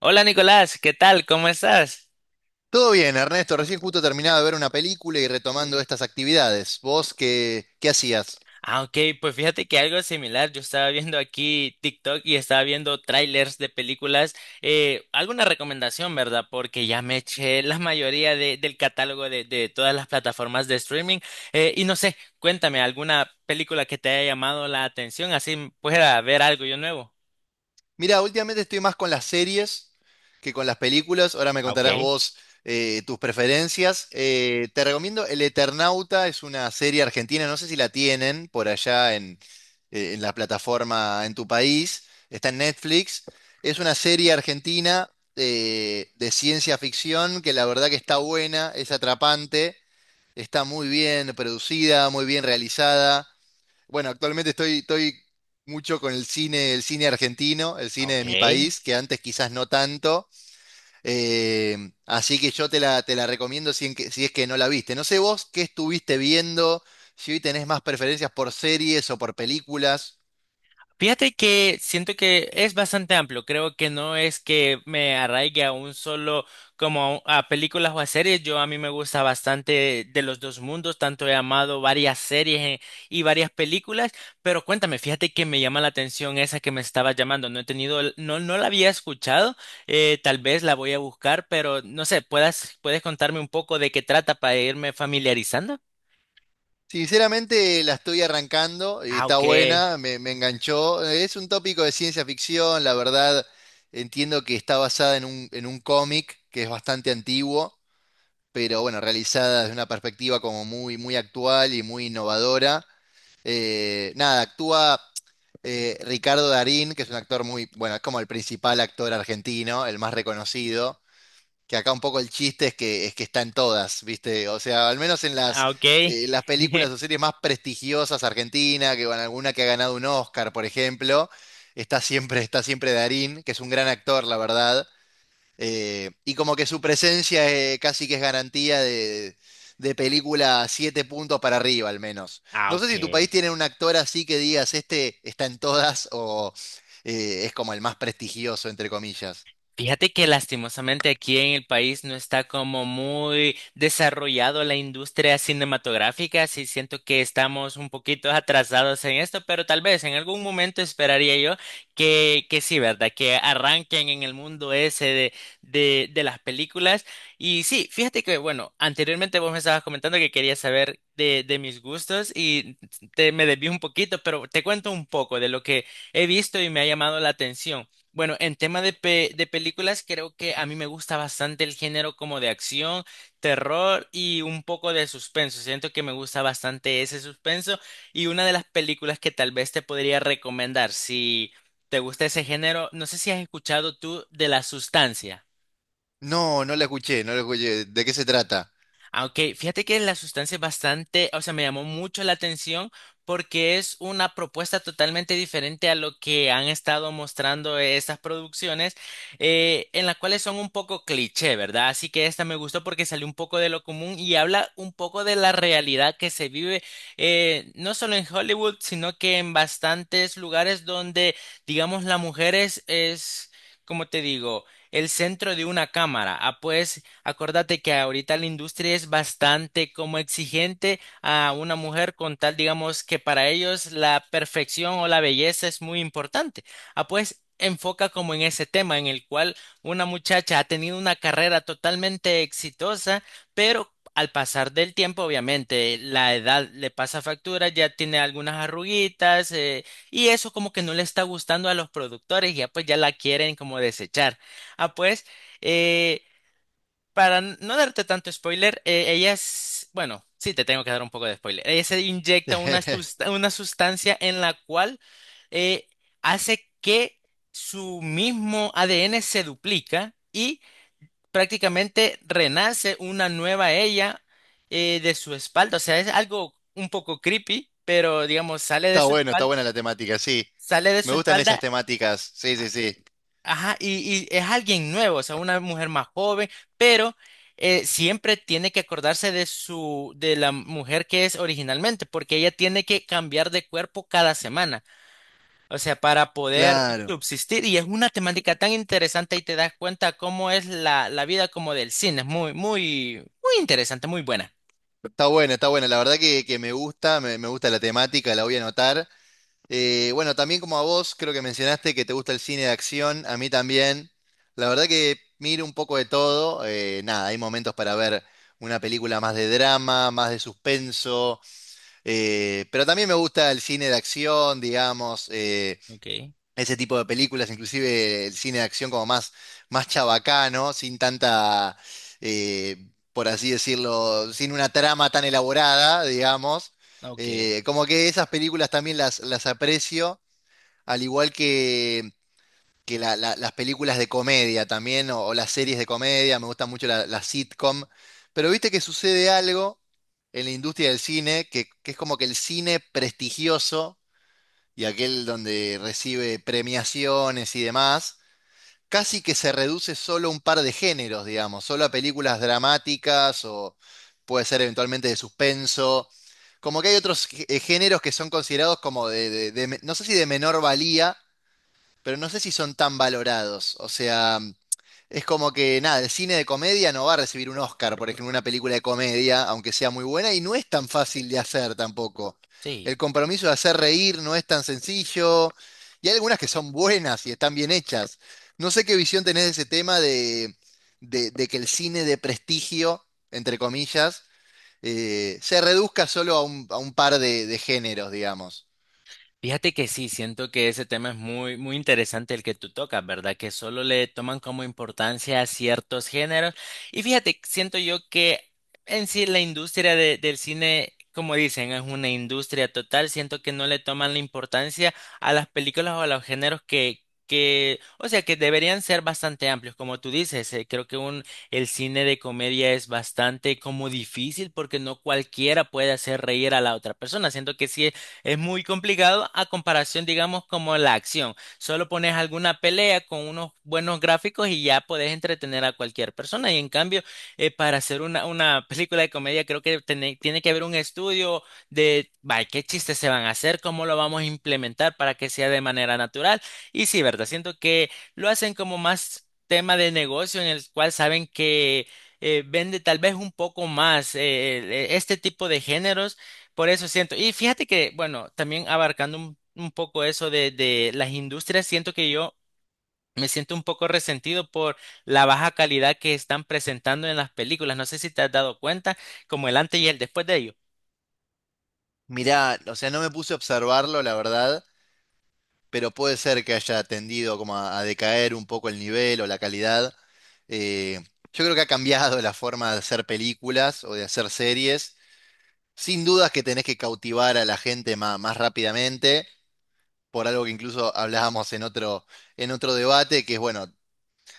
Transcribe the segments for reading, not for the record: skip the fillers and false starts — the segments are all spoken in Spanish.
Hola Nicolás, ¿qué tal? ¿Cómo estás? Todo bien, Ernesto. Recién justo terminado de ver una película y retomando estas actividades. ¿Vos qué hacías? Ah, ok, pues fíjate que algo similar, yo estaba viendo aquí TikTok y estaba viendo trailers de películas, alguna recomendación, ¿verdad? Porque ya me eché la mayoría del catálogo de todas las plataformas de streaming y no sé, cuéntame, ¿alguna película que te haya llamado la atención? Así pueda ver algo yo nuevo. Mira, últimamente estoy más con las series que con las películas. Ahora me Ah, contarás ok, vos tus preferencias. Te recomiendo El Eternauta, es una serie argentina. No sé si la tienen por allá en la plataforma en tu país. Está en Netflix. Es una serie argentina de ciencia ficción que la verdad que está buena, es atrapante. Está muy bien producida, muy bien realizada. Bueno, actualmente estoy mucho con el cine argentino, el cine de ok. mi país, que antes quizás no tanto. Así que yo te la recomiendo si es que no la viste. No sé vos qué estuviste viendo, si hoy tenés más preferencias por series o por películas. Fíjate que siento que es bastante amplio. Creo que no es que me arraigue a un solo, como a películas o a series. Yo a mí me gusta bastante de los dos mundos, tanto he amado varias series y varias películas. Pero cuéntame, fíjate que me llama la atención esa que me estaba llamando. No he tenido, no, no la había escuchado. Tal vez la voy a buscar, pero no sé, puedes contarme un poco de qué trata para irme familiarizando. Sinceramente la estoy arrancando y Ah, está ok. buena, me enganchó. Es un tópico de ciencia ficción, la verdad entiendo que está basada en un cómic que es bastante antiguo, pero bueno, realizada desde una perspectiva como muy, muy actual y muy innovadora. Nada, actúa Ricardo Darín, que es un actor muy, bueno, es como el principal actor argentino, el más reconocido, que acá un poco el chiste es que está en todas, ¿viste? O sea, al menos en las, Ah, ok. eh, las películas o series más prestigiosas Argentina, que bueno, alguna que ha ganado un Oscar, por ejemplo, está siempre Darín, que es un gran actor, la verdad, y como que su presencia casi que es garantía de película siete puntos para arriba, al menos. Ah, No sé ok. si tu país tiene un actor así que digas, este está en todas o es como el más prestigioso, entre comillas. Fíjate que lastimosamente aquí en el país no está como muy desarrollado la industria cinematográfica, sí siento que estamos un poquito atrasados en esto, pero tal vez en algún momento esperaría yo que sí, ¿verdad? Que arranquen en el mundo ese de, de las películas. Y sí, fíjate que, bueno, anteriormente vos me estabas comentando que querías saber de mis gustos y te, me desvío un poquito, pero te cuento un poco de lo que he visto y me ha llamado la atención. Bueno, en tema de, de películas, creo que a mí me gusta bastante el género como de acción, terror y un poco de suspenso. Siento que me gusta bastante ese suspenso y una de las películas que tal vez te podría recomendar si te gusta ese género, no sé si has escuchado tú de La Sustancia. No, no la escuché, no la escuché. ¿De qué se trata? Aunque fíjate que la sustancia es bastante, o sea, me llamó mucho la atención porque es una propuesta totalmente diferente a lo que han estado mostrando estas producciones, en las cuales son un poco cliché, ¿verdad? Así que esta me gustó porque salió un poco de lo común y habla un poco de la realidad que se vive, no solo en Hollywood, sino que en bastantes lugares donde, digamos, la mujer es, como te digo, el centro de una cámara. Ah, pues. Acordate que ahorita la industria es bastante como exigente a una mujer con tal, digamos, que para ellos la perfección o la belleza es muy importante. Ah, pues enfoca como en ese tema en el cual una muchacha ha tenido una carrera totalmente exitosa, pero al pasar del tiempo, obviamente, la edad le pasa factura, ya tiene algunas arruguitas, y eso como que no le está gustando a los productores, y ya pues ya la quieren como desechar. Ah, pues... eh, para no darte tanto spoiler, ella es, bueno, sí, te tengo que dar un poco de spoiler. Ella se inyecta una, una sustancia en la cual eh, hace que su mismo ADN se duplica y prácticamente renace una nueva ella de su espalda. O sea, es algo un poco creepy, pero digamos, sale de Está su bueno, está espalda, buena la temática, sí. sale de Me su gustan esas espalda temáticas, sí, sí, sí. Ajá, y es alguien nuevo, o sea, una mujer más joven, pero siempre tiene que acordarse de su, de la mujer que es originalmente, porque ella tiene que cambiar de cuerpo cada semana, o sea, para poder Claro. subsistir. Y es una temática tan interesante y te das cuenta cómo es la, la vida como del cine. Es muy, muy interesante, muy buena. Está buena, está buena. La verdad que me gusta, me gusta la temática, la voy a anotar. Bueno, también como a vos, creo que mencionaste que te gusta el cine de acción, a mí también. La verdad que miro un poco de todo. Nada, hay momentos para ver una película más de drama, más de suspenso, pero también me gusta el cine de acción, digamos. Okay, Ese tipo de películas, inclusive el cine de acción como más chabacano, sin tanta, eh, por así decirlo, sin una trama tan elaborada, digamos. okay, Como que esas películas también las aprecio, al igual que las películas de comedia también, o las series de comedia, me gustan mucho las sitcom, pero viste que sucede algo en la industria del cine, que es como que el cine prestigioso, y aquel donde recibe premiaciones y demás, casi que se reduce solo a un par de géneros, digamos, solo a películas dramáticas o puede ser eventualmente de suspenso. Como que hay otros géneros que son considerados como de no sé si de menor valía, pero no sé si son tan valorados. O sea, es como que, nada, el cine de comedia no va a recibir un Oscar, por ejemplo, una película de comedia, aunque sea muy buena, y no es tan fácil de hacer tampoco. El sí. compromiso de hacer reír no es tan sencillo, y hay algunas que son buenas y están bien hechas. No sé qué visión tenés de ese tema de que el cine de prestigio, entre comillas, se reduzca solo a un par de géneros, digamos. Fíjate que sí, siento que ese tema es muy, muy interesante el que tú tocas, ¿verdad? Que solo le toman como importancia a ciertos géneros. Y fíjate, siento yo que en sí la industria del cine, como dicen, es una industria total. Siento que no le toman la importancia a las películas o a los géneros que, o sea, que deberían ser bastante amplios. Como tú dices, creo que un, el cine de comedia es bastante como difícil porque no cualquiera puede hacer reír a la otra persona. Siento que sí es muy complicado a comparación, digamos, como la acción. Solo pones alguna pelea con unos buenos gráficos y ya puedes entretener a cualquier persona. Y en cambio, para hacer una película de comedia, creo que tiene que haber un estudio de, vaya, qué chistes se van a hacer, cómo lo vamos a implementar para que sea de manera natural. Y sí, ¿verdad? Siento que lo hacen como más tema de negocio en el cual saben que... vende tal vez un poco más este tipo de géneros por eso siento, y fíjate que, bueno, también abarcando un poco eso de las industrias, siento que yo me siento un poco resentido por la baja calidad que están presentando en las películas. No sé si te has dado cuenta, como el antes y el después de ello. Mirá, o sea, no me puse a observarlo, la verdad. Pero puede ser que haya tendido como a decaer un poco el nivel o la calidad. Eh, yo creo que ha cambiado la forma de hacer películas o de hacer series. Sin dudas que tenés que cautivar a la gente más, rápidamente, por algo que incluso hablábamos en otro debate, que es bueno,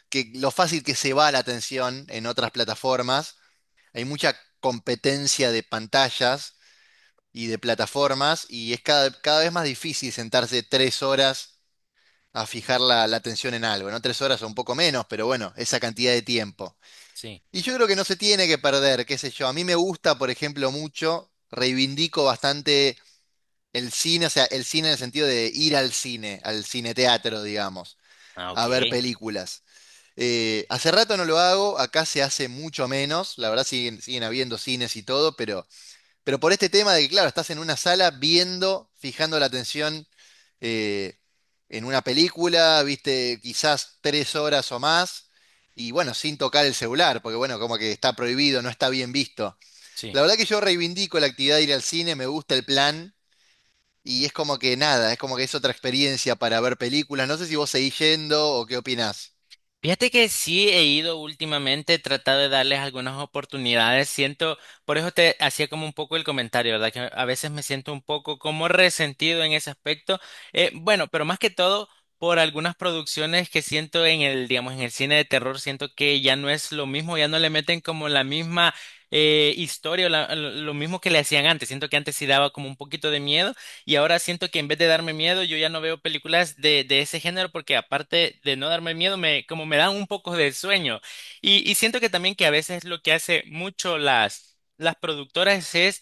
que lo fácil que se va la atención en otras plataformas. Hay mucha competencia de pantallas y de plataformas, y es cada vez más difícil sentarse tres horas a fijar la atención en algo, ¿no? Tres horas o un poco menos, pero bueno, esa cantidad de tiempo. Sí. Y yo creo que no se tiene que perder, qué sé yo. A mí me gusta, por ejemplo, mucho, reivindico bastante el cine, o sea, el cine en el sentido de ir al cine, al cineteatro, digamos, Ah, ok. a ver películas. Hace rato no lo hago, acá se hace mucho menos, la verdad siguen, siguen habiendo cines y todo, pero por este tema de que, claro, estás en una sala viendo, fijando la atención eh, en una película, viste quizás tres horas o más, y bueno, sin tocar el celular, porque bueno, como que está prohibido, no está bien visto. Sí. La verdad que yo reivindico la actividad de ir al cine, me gusta el plan, y es como que nada, es como que es otra experiencia para ver películas. No sé si vos seguís yendo o qué opinás. Fíjate que sí he ido últimamente, he tratado de darles algunas oportunidades. Siento, por eso te hacía como un poco el comentario, ¿verdad? Que a veces me siento un poco como resentido en ese aspecto. Bueno, pero más que todo por algunas producciones que siento en el, digamos, en el cine de terror, siento que ya no es lo mismo, ya no le meten como la misma historia, o lo mismo que le hacían antes. Siento que antes sí daba como un poquito de miedo. Y ahora siento que en vez de darme miedo, yo ya no veo películas de ese género porque aparte de no darme miedo, me, como me dan un poco de sueño. Y siento que también que a veces lo que hace mucho las productoras es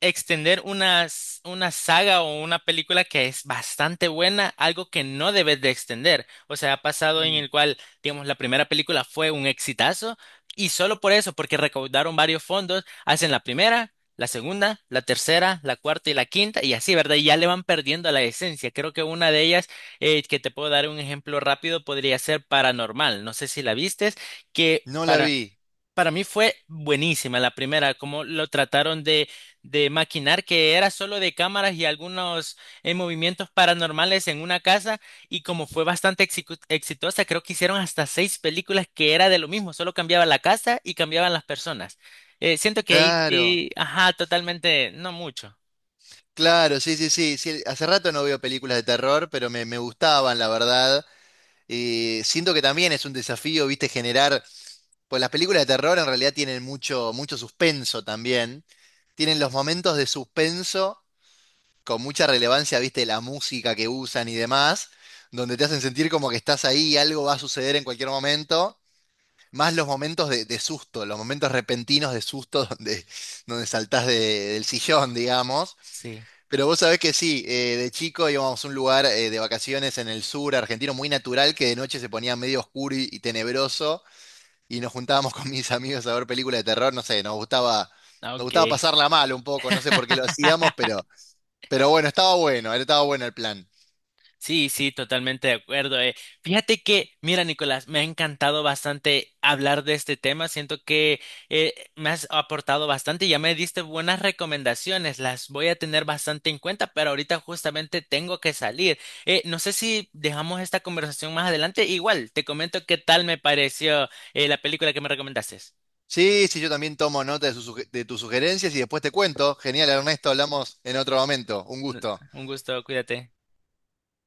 extender una, una saga o una película que es bastante buena, algo que no debes de extender. O sea, ha pasado en Mm, el cual, digamos, la primera película fue un exitazo y solo por eso, porque recaudaron varios fondos, hacen la primera, la segunda, la tercera, la cuarta y la quinta y así, ¿verdad? Y ya le van perdiendo la esencia. Creo que una de ellas, que te puedo dar un ejemplo rápido, podría ser Paranormal. No sé si la vistes, que... No la vi. para mí fue buenísima la primera, como lo trataron de maquinar, que era solo de cámaras y algunos movimientos paranormales en una casa, y como fue bastante exitosa, creo que hicieron hasta 6 películas que era de lo mismo, solo cambiaba la casa y cambiaban las personas. Siento que ahí Claro, sí, ajá, totalmente, no mucho. claro, sí, sí, sí, sí. Hace rato no veo películas de terror, pero me gustaban, la verdad. Siento que también es un desafío, viste, generar, pues las películas de terror en realidad tienen mucho, mucho suspenso también, tienen los momentos de suspenso con mucha relevancia, viste, la música que usan y demás, donde te hacen sentir como que estás ahí y algo va a suceder en cualquier momento, más los momentos de susto, los momentos repentinos de susto donde, donde del sillón, digamos. Sí, Pero vos sabés que sí, de chico íbamos a un lugar de vacaciones en el sur argentino muy natural que de noche se ponía medio oscuro y tenebroso y nos juntábamos con mis amigos a ver películas de terror, no sé, ah, nos gustaba ok. pasarla mal un poco, no sé por qué lo hacíamos, pero bueno, estaba bueno, estaba bueno el plan. Sí, sí, totalmente de acuerdo. Eh. Fíjate que, mira, Nicolás, me ha encantado bastante hablar de este tema. Siento que me has aportado bastante, ya me diste buenas recomendaciones. Las voy a tener bastante en cuenta, pero ahorita justamente tengo que salir. No sé si dejamos esta conversación más adelante. Igual, te comento qué tal me pareció la película que me recomendaste. Sí, sí, yo también tomo nota de, de tus sugerencias y después te cuento. Genial, Ernesto, hablamos en otro momento. Un gusto. Un gusto, cuídate.